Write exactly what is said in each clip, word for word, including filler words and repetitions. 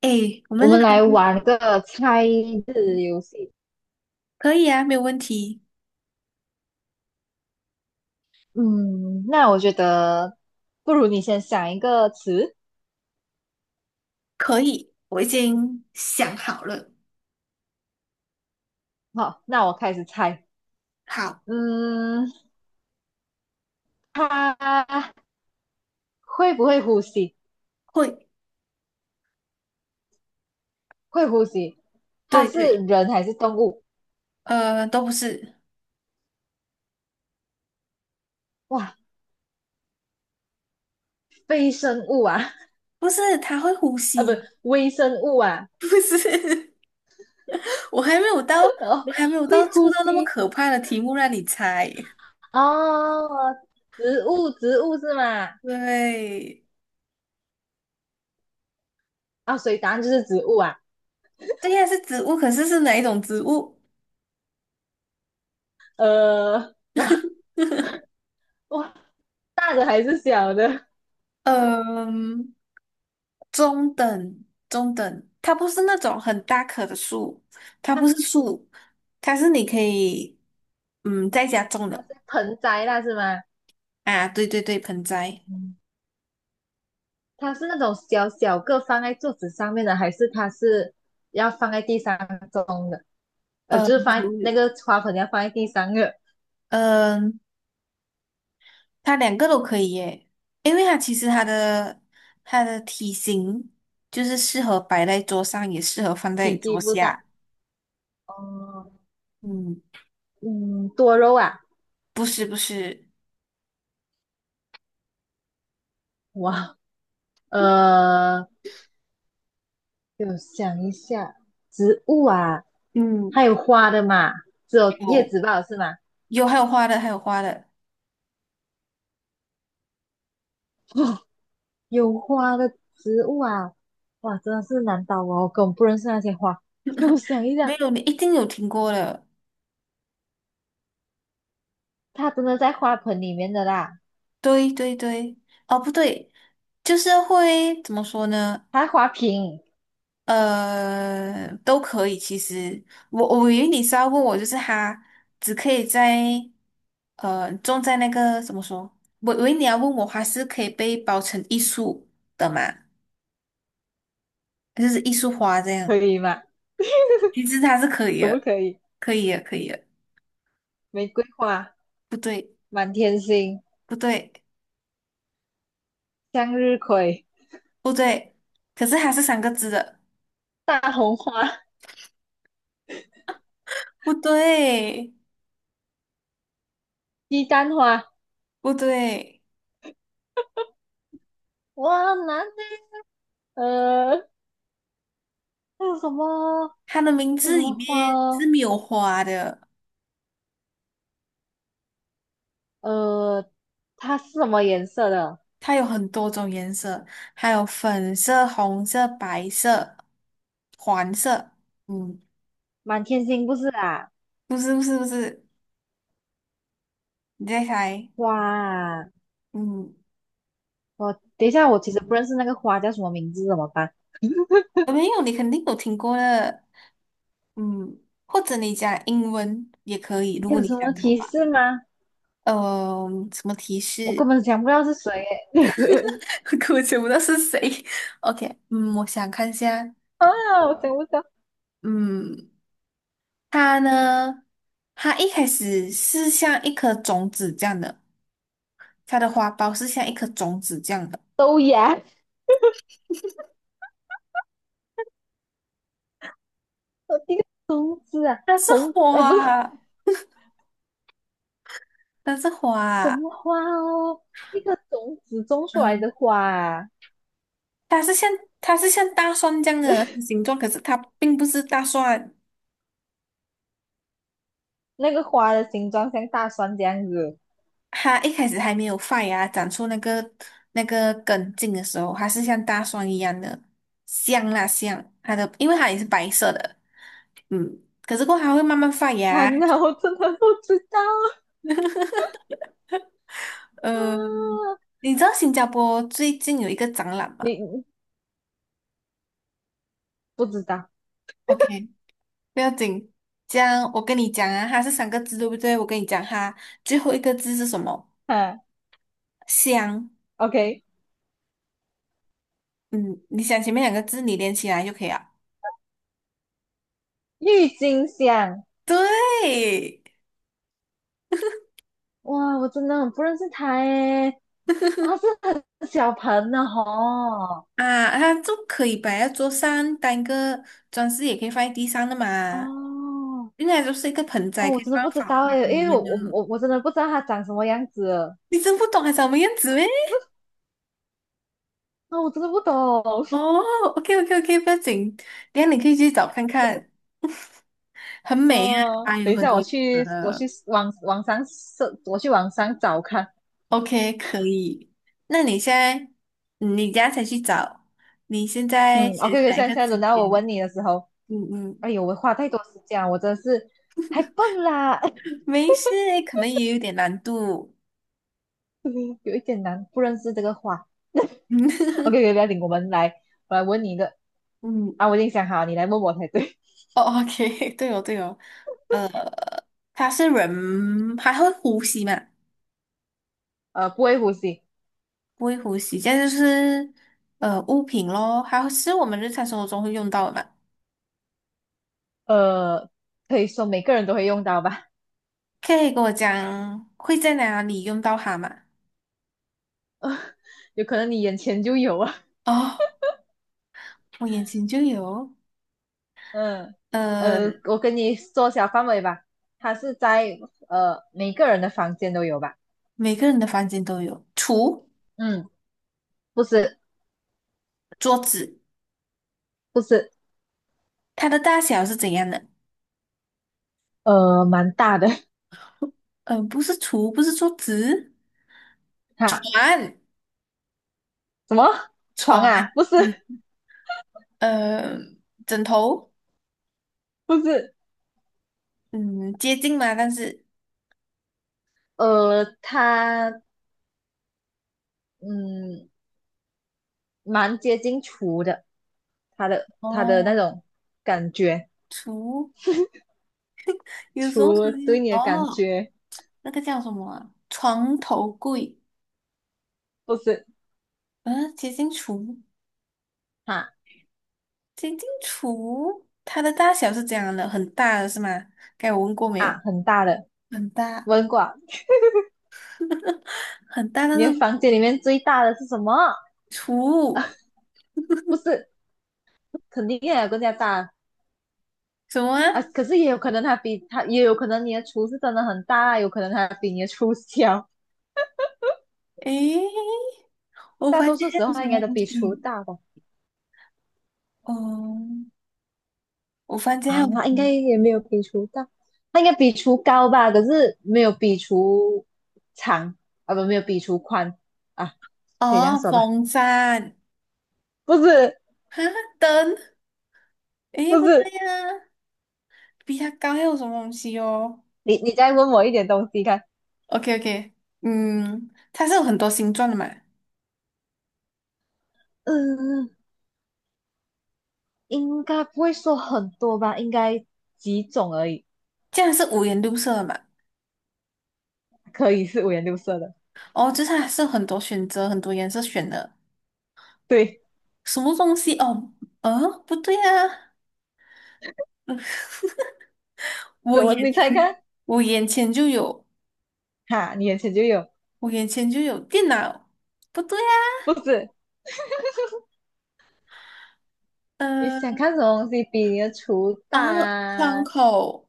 哎，我我们来。们来玩个猜字游戏。可以啊，没有问题。嗯，那我觉得不如你先想一个词。可以，我已经想好了。好，那我开始猜。好。嗯，它会不会呼吸？会。会呼吸。它对是对。人还是动物？呃，都不是。哇，非生物啊。不是，它会呼 啊，不，吸。微生物啊。不是，我还没有到。哦，我还没有会到呼出到那么吸可怕的题目让你猜。哦，植物，植物是吗？对。啊，所以答案就是植物啊。对呀，是植物，可是是哪一种植物？呃，哇哇，大的还是小的？嗯、中等中等，它不是那种很大棵的树，它它不是是树。它是你可以嗯在家种它的。是盆栽啦，是吗？啊，对对对，盆栽。嗯，它是那种小小个放在桌子上面的，还是它是要放在地上种的？呃，呃，就是放在那有。个花盆要放在地上的，嗯、它两个都可以耶，因为它其实它的它的体型就是适合摆在桌上，也适合放体在积桌不大。下。哦，嗯。嗯，多肉啊，不是不是。哇，呃，我想一下，植物啊，还嗯，有花的嘛，只有叶有子吧，是吗？有还有花的，还有花的。有花的植物啊，哇，真的是难倒我，我根本不认识那些花。让我想一没下，有你一定有听过的。它真的在花盆里面的啦，对对对。哦，不对，就是会怎么说呢？它花瓶呃，都可以。其实我我以为你是要问我，就是它只可以在呃种在那个怎么说？我以为你要问我，它是可以被包成艺术的嘛？就是艺术花这可样。以吗？其实它是可以可不的，可以？可以的，可以的。玫瑰花、不对。满天星、不对。向日葵、不对，可是它是三个字的。大红花、不对。鸡蛋花，不对。哇，很难呢。呃，还有什么？它的名还有字什么里花面是哦？没有花的。呃，它是什么颜色的？它有很多种颜色，还有粉色、红色、白色、黄色。嗯。满天星不是啊？不是不是不是，你再猜。哇，嗯，我等一下，我其实不认识那个花叫什么名字，怎么办？我没有，你肯定有听过的。嗯，或者你讲英文也可以，如果有你什讲么的提话。示吗？嗯，什么提我根示？本想不到是谁耶。可我想不到是谁。OK，嗯，我想看一下。啊，我想不到。嗯。它呢，它一开始是像一颗种子这样的，它的花苞是像一颗种子这样的。豆芽，呃一个种子啊，它是红，哎，不是花。它是什花。么花哦，一个种子种出来嗯，的花啊它是像它是像大蒜这样的形状，可是它并不是大蒜。那个花的形状像大蒜这样子。它一开始还没有发芽，长出那个那个根茎的时候，它是像大蒜一样的。香啦香。它的，因为它也是白色的。嗯，可是过后它会慢慢发啊，芽。那我真的不知道呃，啊，你知道新加坡最近有一个展览吗你不知道？？OK，不要紧。这样我跟你讲啊，它是三个字，对不对？我跟你讲哈，最后一个字是什么？啊香。，OK,嗯，你想前面两个字，你连起来就可以了。郁金香，对哇，我真的很不认识它诶，哇，是很小盆的吼。啊，它就可以摆在桌上，当一个装饰，也可以放在地上的嘛。哦，应该就是一个盆栽，哦，可我以真的放不在知法道花诶，瓶里因为我面的。我我我真的不知道它长什么样子，你真不懂还长什么样子咩？那我真的不懂。哦，OK OK OK，不要紧，等一下你可以去找看看。很美啊，呃，啊，有等一很下，多我颜色去，我的。去网网上搜，我去网上找看。OK，可以。那你现在，你等下才去找，你现在嗯先，OK，OK，现想一在现个在词轮到我典。问你的时候，嗯哎嗯。呦，我花太多时间了，我真的是太笨啦。没事，可能也有点难度。有一点难，不认识这个花。嗯。OK，OK，不要紧，我们来，我来问你一个嗯。啊，我已经想好，你来问我才对。哦，OK，对哦对哦。呃，它是人，还会呼吸嘛？呃，不会呼吸。不会呼吸，这样就是呃物品咯，还是我们日常生活中会用到的嘛？呃，可以说每个人都会用到吧？可以跟我讲会在哪里用到它嘛？有可能你眼前就有啊。哦。我眼前就有。嗯，呃，呃，我跟你缩小范围吧，它是在呃每个人的房间都有吧？每个人的房间都有橱、嗯，不是桌子。不是。它的大小是怎样的？呃，蛮大的。 呃，不是橱，不是桌子。哈，床。什么床床。啊？不是嗯。呃，枕头。不是，嗯，接近嘛，但是，呃，它嗯蛮接近厨的，它的它的那哦，种感觉，橱，有时候是。厨对你的感哦，觉那个叫什么啊床头柜。不是嗯、接近橱。哈接近橱，它的大小是怎样的？很大的是吗？该我问过没有？啊很大的，很大。问过啊。很大，但你的是房间里面最大的是什么？图不是，肯定也有更加大。什么啊？啊，可是也有可能他比他，也有可能你的厨是真的很大啊有可能他比你的厨小，诶，我大发现多数还时有候什他应该么都东比厨西？大吧？哦，我发现还啊，有什那应该么也没有比厨大，他应该比厨高吧？可是没有比厨长啊，不，没有比厨宽啊，可以这样哦，说吧？风扇、不是，灯。诶，不不对是，呀、啊比它高还有什么东西哦你你再问我一点东西看。？OK OK，嗯，它是有很多形状的嘛，嗯，应该不会说很多吧？应该几种而已，这样是五颜六色的嘛？可以是五颜六色的。哦，就是它是有很多选择，很多颜色选的。对，什么东西？哦。呃，不对呀、啊怎我么眼你猜前看？我眼前就有。哈，你眼前就有，我眼前就有电脑，不对呀、不是。你想呃。看什么东西比你的厨大哦，窗啊？口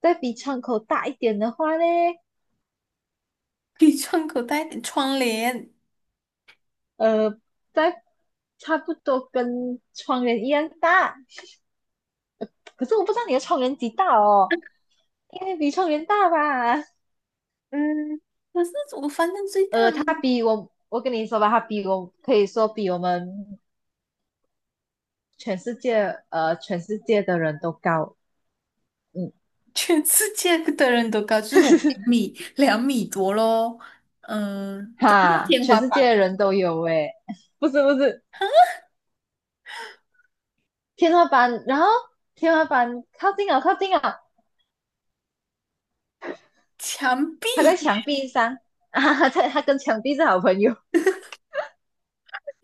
再比窗口大一点的话呢，比窗口带点，窗帘。呃，再差不多跟窗帘一样大。可是我不知道你的窗帘几大哦，应该比窗帘大吧？嗯，可是我反正最大呃，的，它比我，我跟你说吧，它比我可以说比我们全世界，呃，全世界的人都高。嗯，全世界的人都高，至少两 米两米多咯。嗯，加上哈，天全花世界的板、人都有诶。不是不是，天花板，然后天花板靠近了，靠近了。墙他在墙壁。壁上啊。在他跟墙壁是好朋友。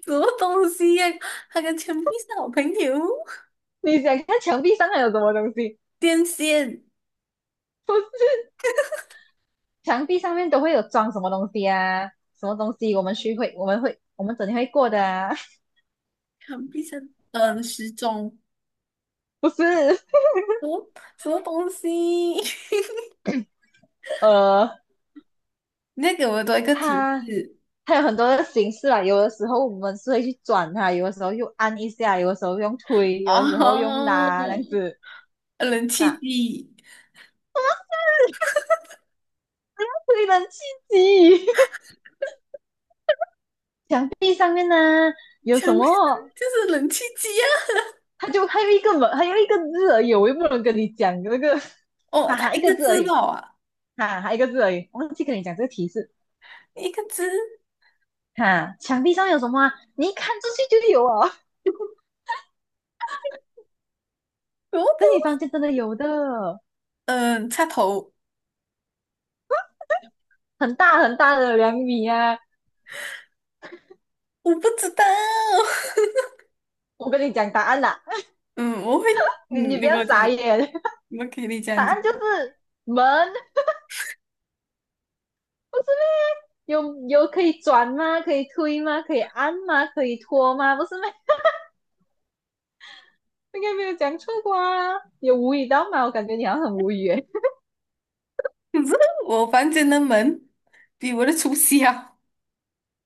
什么东西呀、他跟墙壁是好朋友。你想看墙壁上还有什么东西？电线、墙壁上面都会有装什么东西啊？什么东西我们去会，我们会，我们整天会过的啊？墙壁上，嗯，时钟，不是，什么什么东西？呃，你再给我多一个提它示它有很多的形式啊。有的时候我们是会去转它，有的时候又按一下，有的时候用推，有的时候用拉，这样哦，子冷气啊。机。令人刺激。墙壁上面呢有全什部就么，是冷气机啊！他就还有一个门，还有一个字而已，我又不能跟你讲那个。哦，哈它哈，一一个个字而字已，吧啊，哈哈，一个字而已，忘记跟你讲这个提示。一个字，哈，墙壁上有什么啊？你一看出去就有啊，萝卜，在你房间真的有的，嗯，插头，很大很大的两米啊！我不知道，我跟你讲答案啦、嗯，我会，你你嗯，不你给要我讲，傻眼，我给你答讲讲。案就是门，有有可以转吗？可以推吗？可以按吗？可以拖吗？不是吗？应该没有讲错过啊，有无语到吗？我感觉你好像很无语诶。可是我房间的门比我的厨师啊，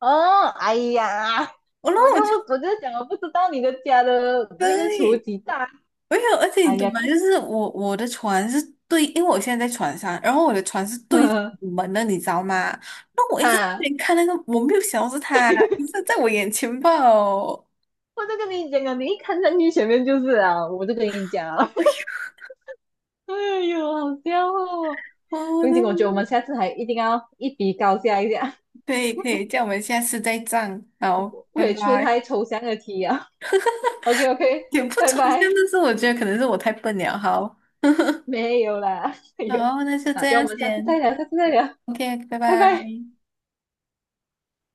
哦，哎呀，我然我后就我就我就讲我不知道你的家的那个厨对，几大，没有，而且你哎懂呀，吗？太。就是我我的床是对，因为我现在在床上，然后我的床是 对着呵门的，你知道吗？那我一直在那哈，边看那个，我没有想到是他，一直在我眼前吧哦。我就跟你讲啊，你一看上去前面就是啊，我就跟你讲啊，哎呦，好笑哦。哦，风景，我觉得我们下次还一定要一比高下一下。可以可以，这样我们下次再战。好，不拜可以出拜。太抽象的题啊。OK OK,也不拜抽象，拜。但是我觉得可能是我太笨了。好，没有啦，哎然呦，后那就那这叫我样们下次再先。聊，下次再聊，OK，拜拜拜。拜。